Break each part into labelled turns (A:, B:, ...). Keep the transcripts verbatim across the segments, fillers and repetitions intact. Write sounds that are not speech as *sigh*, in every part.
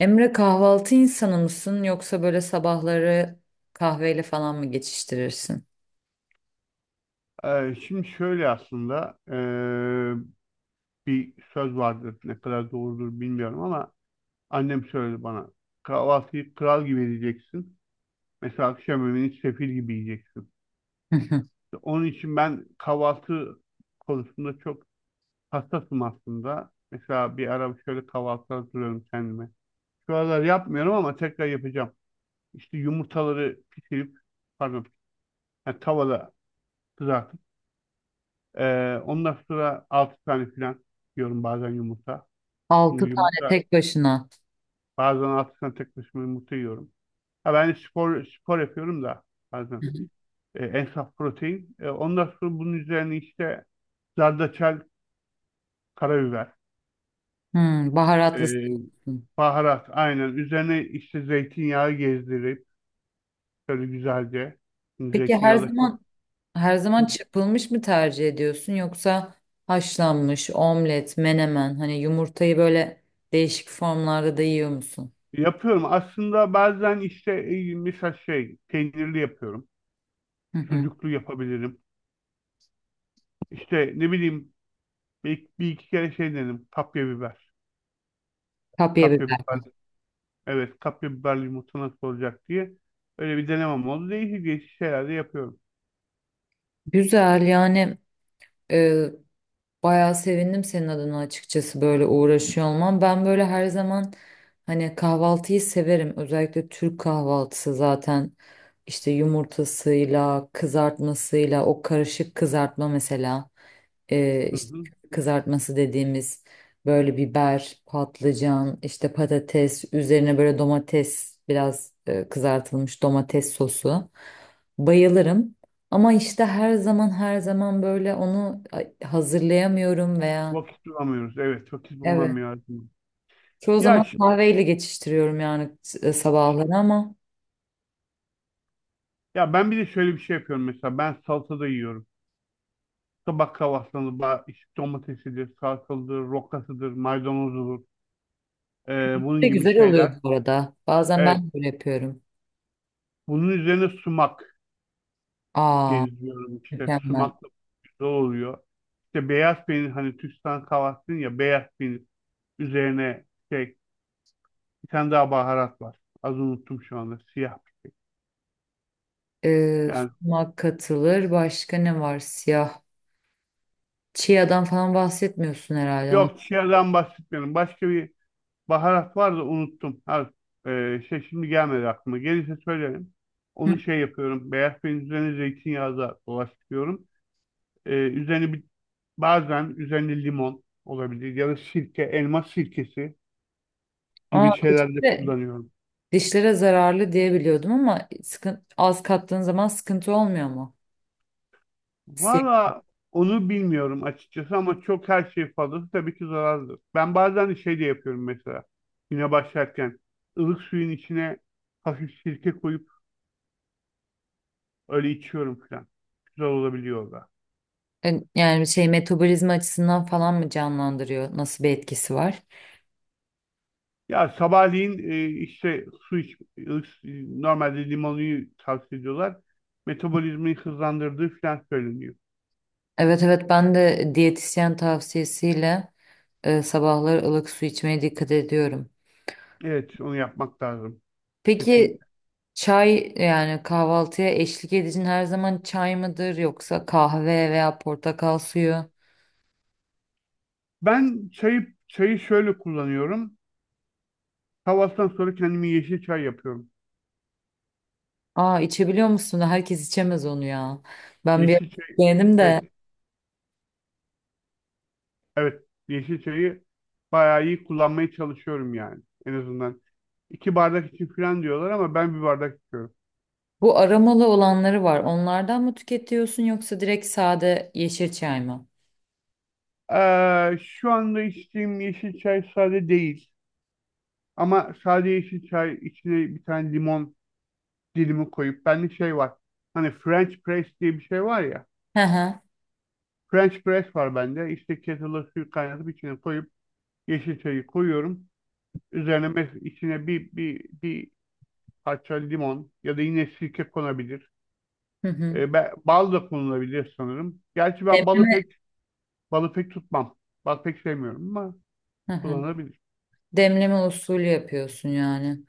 A: Emre kahvaltı insanı mısın yoksa böyle sabahları kahveyle falan mı geçiştirirsin?
B: Ee, şimdi şöyle aslında ee, bir söz vardır ne kadar doğrudur bilmiyorum ama annem söyledi bana kahvaltıyı kral gibi edeceksin mesela akşam yemeğini sefil gibi yiyeceksin.
A: *laughs* Hı hı.
B: Onun için ben kahvaltı konusunda çok hassasım aslında. Mesela bir ara şöyle kahvaltı hazırlıyorum kendime. Şu aralar yapmıyorum ama tekrar yapacağım. İşte yumurtaları pişirip pardon yani tavada kızartıp ee, ondan sonra altı tane falan yiyorum bazen yumurta.
A: Altı tane
B: Yumurta.
A: tek başına.
B: Bazen altı tane tek başıma yumurta yiyorum. Ha, ben spor spor yapıyorum da bazen.
A: Hı hı.
B: E, en saf protein. E, ondan sonra bunun üzerine işte zerdeçal, karabiber,
A: Hmm, baharatlısın.
B: e, baharat aynen. Üzerine işte zeytinyağı gezdirip şöyle güzelce. Şimdi
A: Peki her
B: zeytinyağı da çok
A: zaman her zaman çırpılmış mı tercih ediyorsun yoksa haşlanmış, omlet, menemen hani yumurtayı böyle değişik formlarda da yiyor musun?
B: yapıyorum. Aslında bazen işte e, mesela şey peynirli yapıyorum.
A: Hı hı.
B: Sucuklu yapabilirim. İşte ne bileyim bir, bir iki kere şey dedim. Kapya biber.
A: Kapya
B: Kapya
A: biberle.
B: biber. Evet, kapya biberli yumurta nasıl olacak diye öyle bir denemem oldu. Değişik değişik şeyler de yapıyorum.
A: Güzel yani. E, Bayağı sevindim senin adına açıkçası böyle uğraşıyor olman. Ben böyle her zaman hani kahvaltıyı severim. Özellikle Türk kahvaltısı zaten işte yumurtasıyla, kızartmasıyla, o karışık kızartma mesela. Ee,
B: Hı
A: işte
B: hı.
A: kızartması dediğimiz böyle biber, patlıcan, işte patates, üzerine böyle domates, biraz e, kızartılmış domates sosu. Bayılırım. Ama işte her zaman her zaman böyle onu ay- hazırlayamıyorum veya
B: Vakit bulamıyoruz. Evet, vakit
A: evet.
B: bulunamıyor, aslında.
A: Çoğu
B: Ya
A: zaman
B: şimdi,
A: kahveyle geçiştiriyorum yani, s- e, sabahları ama
B: ya ben bir de şöyle bir şey yapıyorum mesela. Ben salata da yiyorum. Sabah kahvaltısında ba- işte domatesidir, salatalıdır, rokasıdır, maydanozudur. Ee, bunun
A: ne
B: gibi
A: güzel oluyor
B: şeyler.
A: bu arada. Bazen
B: Evet,
A: ben böyle yapıyorum.
B: bunun üzerine sumak
A: Aa,
B: gezdiriyorum işte.
A: mükemmel.
B: Sumakla güzel oluyor. İşte beyaz peynir hani Türkistan kahvaltısının ya beyaz peynir üzerine şey. Bir tane daha baharat var. Az unuttum şu anda. Siyah.
A: Ee,
B: Yani
A: Sumak katılır. Başka ne var? Siyah. Chia'dan falan bahsetmiyorsun herhalde. Onu.
B: yok siyahdan bahsetmiyorum. Başka bir baharat var da unuttum. Ha, e, şey şimdi gelmedi aklıma. Gelirse söylerim.
A: Hı.
B: Onu şey yapıyorum. Beyaz peynirin üzerine zeytinyağı da dolaştırıyorum. E, üzerine bir, bazen üzerine limon olabilir ya da sirke, elma sirkesi
A: Aa,
B: gibi şeyler de
A: dişlere,
B: kullanıyorum.
A: dişlere zararlı diye biliyordum ama sıkın- az kattığın zaman sıkıntı olmuyor mu?
B: Valla onu bilmiyorum açıkçası ama çok her şey fazlası tabii ki zararlıdır. Ben bazen şey de yapıyorum mesela güne başlarken ılık suyun içine hafif sirke koyup öyle içiyorum falan. Güzel olabiliyor o da.
A: E, Yani şey, metabolizma açısından falan mı canlandırıyor? Nasıl bir etkisi var?
B: Ya sabahleyin e, işte su iç, ılık, su- normalde limonluyu tavsiye ediyorlar. Metabolizmayı hızlandırdığı falan söyleniyor.
A: Evet, evet, ben de diyetisyen tavsiyesiyle e, sabahları ılık su içmeye dikkat ediyorum.
B: Evet onu yapmak lazım
A: Peki
B: kesinlikle.
A: çay, yani kahvaltıya eşlik edicin her zaman çay mıdır yoksa kahve veya portakal suyu?
B: Ben çayı, çayı şöyle kullanıyorum. Kahvaltıdan sonra kendime yeşil çay yapıyorum.
A: Aa, içebiliyor musun? Herkes içemez onu ya. Ben bir ara
B: Yeşilçay.
A: beğendim de
B: Evet, evet. Yeşilçay'ı bayağı iyi kullanmaya çalışıyorum yani en azından. İki bardak için falan diyorlar ama ben bir bardak içiyorum.
A: bu aromalı olanları var. Onlardan mı tüketiyorsun yoksa direkt sade yeşil çay mı?
B: Ee, şu anda içtiğim yeşil çay sade değil ama sade yeşil çay içine bir tane limon dilimi koyup bende şey var. Hani French press diye bir şey var ya.
A: Hı hı.
B: French press var bende. İşte kettle'a suyu kaynatıp içine koyup yeşil çayı koyuyorum. Üzerine mes- içine bir, bir, bir parça limon ya da yine sirke konabilir.
A: Hı hı.
B: E, be- bal da kullanılabilir sanırım. Gerçi ben balı
A: Demleme.
B: pek balı pek tutmam. Bal pek sevmiyorum ama
A: Hı hı.
B: kullanılabilir.
A: Demleme usulü yapıyorsun yani.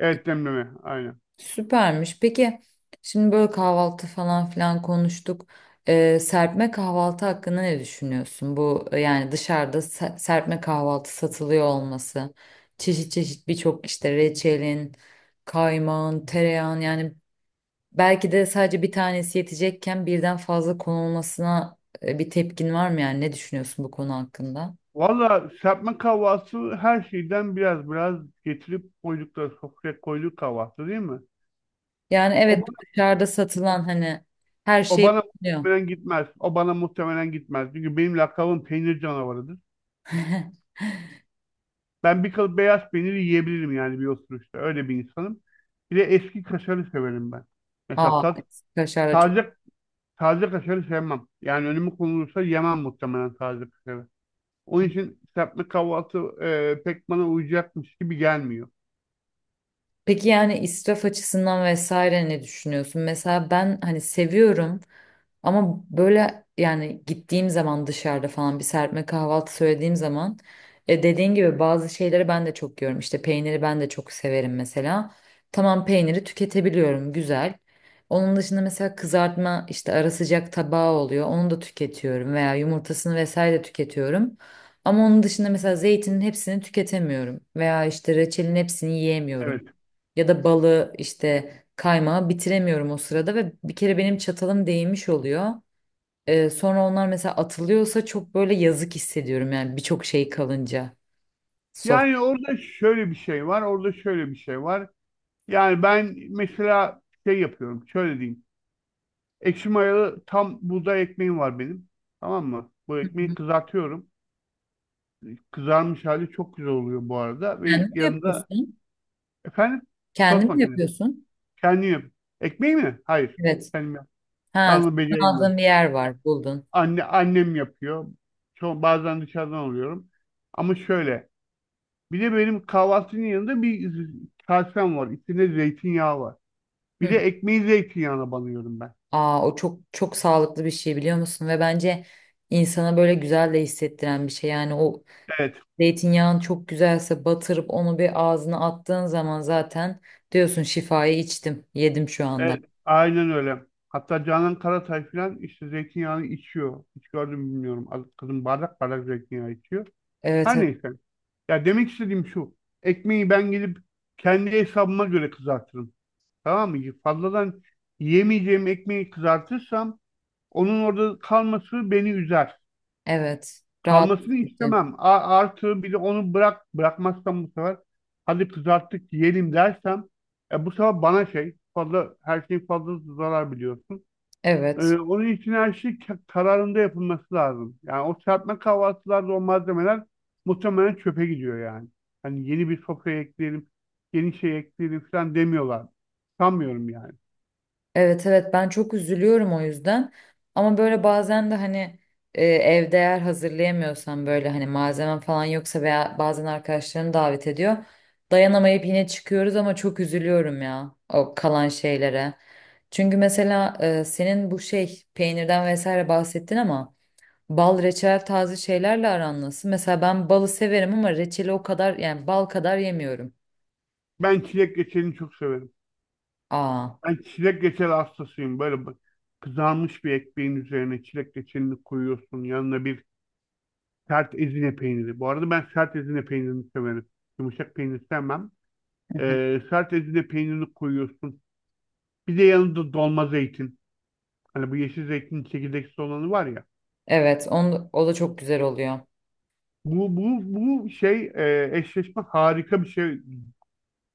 B: Evet demleme aynen.
A: Süpermiş. Peki, şimdi böyle kahvaltı falan filan konuştuk. Ee, serpme kahvaltı hakkında ne düşünüyorsun? Bu, e, yani dışarıda se- serpme kahvaltı satılıyor olması. Çeşit çeşit birçok işte reçelin, kaymağın, tereyağın, yani belki de sadece bir tanesi yetecekken birden fazla konulmasına e, bir tepkin var mı, yani ne düşünüyorsun bu konu hakkında?
B: Valla serpme kahvaltısı her şeyden biraz biraz getirip koydukları sofraya koyduk kahvaltı değil mi?
A: Yani
B: O
A: evet,
B: bana,
A: dışarıda satılan hani her
B: o
A: şey
B: bana
A: bulunuyor.
B: muhtemelen gitmez. O bana muhtemelen gitmez. Çünkü benim lakabım peynir canavarıdır.
A: *laughs*
B: Ben bir kalıp beyaz peyniri yiyebilirim yani bir oturuşta. Öyle bir insanım. Bir de eski kaşarı severim ben. Mesela
A: Aa,
B: tat,
A: evet. Kaşar da çok.
B: taze Taze kaşarı sevmem. Yani önüme konulursa yemem muhtemelen taze kaşarı. Onun için serpme kahvaltı e, pek bana uyacakmış gibi gelmiyor.
A: Peki yani israf açısından vesaire ne düşünüyorsun? Mesela ben hani seviyorum. Ama böyle yani gittiğim zaman dışarıda falan bir serpme kahvaltı söylediğim zaman, e, dediğin gibi bazı şeyleri ben de çok yiyorum. İşte peyniri ben de çok severim mesela. Tamam, peyniri tüketebiliyorum, güzel. Onun dışında mesela kızartma, işte ara sıcak tabağı oluyor. Onu da tüketiyorum veya yumurtasını vesaire de tüketiyorum. Ama onun dışında mesela zeytinin hepsini tüketemiyorum veya işte reçelin hepsini yiyemiyorum.
B: Evet.
A: Ya da balı, işte kaymağı bitiremiyorum o sırada ve bir kere benim çatalım değmiş oluyor. Ee, sonra onlar mesela atılıyorsa çok böyle yazık hissediyorum yani, birçok şey kalınca. Sof.
B: Yani orada şöyle bir şey var, orada şöyle bir şey var. Yani ben mesela şey yapıyorum, şöyle diyeyim. Ekşi mayalı tam buğday ekmeğim var benim. Tamam mı? Bu ekmeği kızartıyorum. Kızarmış hali çok güzel oluyor bu arada. Ve
A: Kendin mi
B: yanında,
A: yapıyorsun?
B: efendim, tost
A: Kendin mi
B: makinesi.
A: yapıyorsun?
B: Kendim yap. Ekmeği mi? Hayır.
A: Evet.
B: Kendim yap. Ben
A: Ha,
B: onu
A: aldığın
B: beceremiyorum.
A: bir yer var, buldun.
B: Anne, annem yapıyor. Çok, bazen dışarıdan alıyorum. Ama şöyle. Bir de benim kahvaltının yanında bir z- kasem var. İçinde zeytinyağı var. Bir
A: Hı.
B: de ekmeği zeytinyağına banıyorum ben.
A: Aa, o çok çok sağlıklı bir şey, biliyor musun? Ve bence insana böyle güzel de hissettiren bir şey. Yani o
B: Evet.
A: zeytinyağın çok güzelse batırıp onu bir ağzına attığın zaman zaten diyorsun, şifayı içtim, yedim şu anda.
B: Evet. Aynen öyle. Hatta Canan Karatay falan işte zeytinyağını içiyor. Hiç gördüm mü bilmiyorum. Az- Kadın bardak bardak zeytinyağı içiyor.
A: Evet.
B: Her neyse. Ya demek istediğim şu. Ekmeği ben gidip kendi hesabıma göre kızartırım. Tamam mı? Fazladan yemeyeceğim ekmeği kızartırsam, onun orada kalması beni üzer.
A: Evet, rahatsız
B: Kalmasını
A: edici.
B: istemem. A- artı bir de onu bırak bırakmazsam bu sefer hadi kızarttık yiyelim dersem e, bu sefer bana şey fazla her şey fazla zarar biliyorsun. E,
A: Evet.
B: onun için her şey ka- kararında yapılması lazım. Yani o serpme kahvaltılarda o malzemeler muhtemelen çöpe gidiyor yani. Hani yeni bir sofra ekleyelim, yeni şey ekleyelim falan demiyorlar. Sanmıyorum yani.
A: Evet, evet, ben çok üzülüyorum o yüzden. Ama böyle bazen de hani, e, evde eğer hazırlayamıyorsan, böyle hani malzemem falan yoksa veya bazen arkadaşlarını davet ediyor. Dayanamayıp yine çıkıyoruz ama çok üzülüyorum ya o kalan şeylere. Çünkü mesela e, senin bu şey peynirden vesaire bahsettin ama bal, reçel, taze şeylerle aran nasıl? Mesela ben balı severim ama reçeli o kadar, yani bal kadar yemiyorum.
B: Ben çilek reçelini çok severim.
A: Aa.
B: Ben çilek reçeli hastasıyım. Böyle bak- kızarmış bir ekmeğin üzerine çilek reçelini koyuyorsun. Yanına bir sert ezine peyniri. Bu arada ben sert ezine peynirini severim. Yumuşak peynir sevmem. Ee, sert ezine peynirini koyuyorsun. Bir de yanında dolma zeytin. Hani bu yeşil zeytin çekirdeksiz olanı var ya.
A: Evet, on, o da çok güzel oluyor.
B: Bu, bu, bu şey e, eşleşme harika bir şey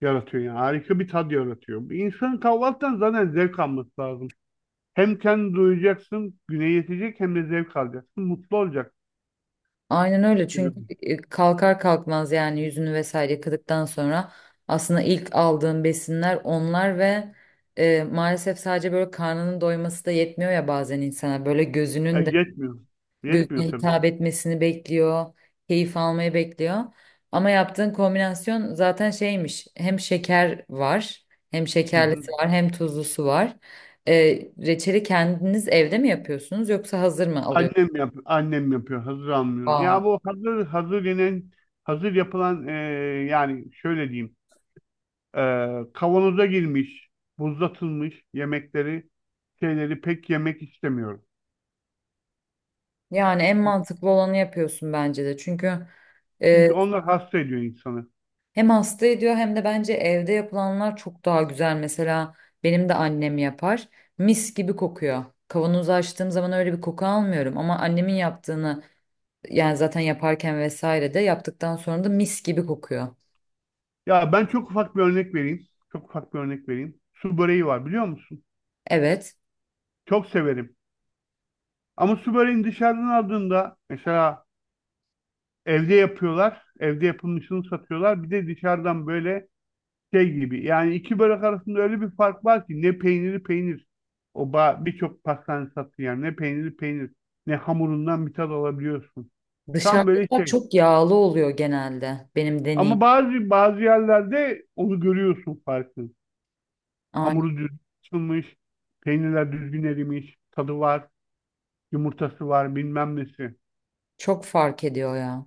B: yaratıyor yani. Harika bir tad yaratıyor. Bir insanın kahvaltıdan zaten zevk alması lazım. Hem kendi duyacaksın, güne yetecek hem de zevk alacaksın. Mutlu olacaksın
A: Aynen öyle,
B: gibi.
A: çünkü e, kalkar kalkmaz yani yüzünü vesaire yıkadıktan sonra aslında ilk aldığın besinler onlar ve e, maalesef sadece böyle karnının doyması da yetmiyor ya, bazen insana böyle
B: Ya
A: gözünün de
B: yetmiyor.
A: gözüne
B: Yetmiyor tabii.
A: hitap etmesini bekliyor, keyif almayı bekliyor. Ama yaptığın kombinasyon zaten şeymiş, hem şeker var, hem
B: Hı hı.
A: şekerlisi var, hem tuzlusu var. E, Reçeli kendiniz evde mi yapıyorsunuz yoksa hazır mı alıyorsunuz?
B: Annem yap annem yapıyor. Hazır almıyoruz.
A: Aa,
B: Ya bu hazır hazır yenen hazır yapılan e, yani şöyle diyeyim. e, Kavanoza girmiş, buzlatılmış yemekleri, şeyleri pek yemek istemiyorum.
A: yani en mantıklı olanı yapıyorsun bence de. Çünkü e,
B: Çünkü onlar hasta ediyor insanı.
A: hem hasta ediyor, hem de bence evde yapılanlar çok daha güzel. Mesela benim de annem yapar. Mis gibi kokuyor. Kavanozu açtığım zaman öyle bir koku almıyorum ama annemin yaptığını, yani zaten yaparken vesaire de yaptıktan sonra da mis gibi kokuyor.
B: Ya ben çok ufak bir örnek vereyim. Çok ufak bir örnek vereyim. Su böreği var biliyor musun?
A: Evet.
B: Çok severim. Ama su böreğini dışarıdan aldığında mesela evde yapıyorlar. Evde yapılmışını satıyorlar. Bir de dışarıdan böyle şey gibi. Yani iki börek arasında öyle bir fark var ki ne peyniri peynir. O ba- birçok pastane sattığı yer ne peyniri peynir ne hamurundan bir tad alabiliyorsun. Tam böyle
A: Dışarıdakiler
B: şey.
A: çok yağlı oluyor genelde benim deneyim.
B: Ama bazı bazı yerlerde onu görüyorsun farkını. Hamuru düzgün açılmış, peynirler düzgün erimiş, tadı var, yumurtası var, bilmem nesi.
A: Çok fark ediyor ya.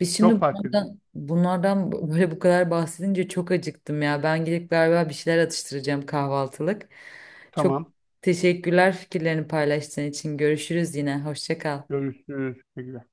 A: Biz şimdi
B: Çok fark ediyor.
A: bunlardan, bunlardan böyle bu kadar bahsedince çok acıktım ya. Ben gidip galiba bir şeyler atıştıracağım kahvaltılık. Çok
B: Tamam.
A: teşekkürler fikirlerini paylaştığın için. Görüşürüz yine. Hoşça kal.
B: Görüşürüz. Teşekkürler.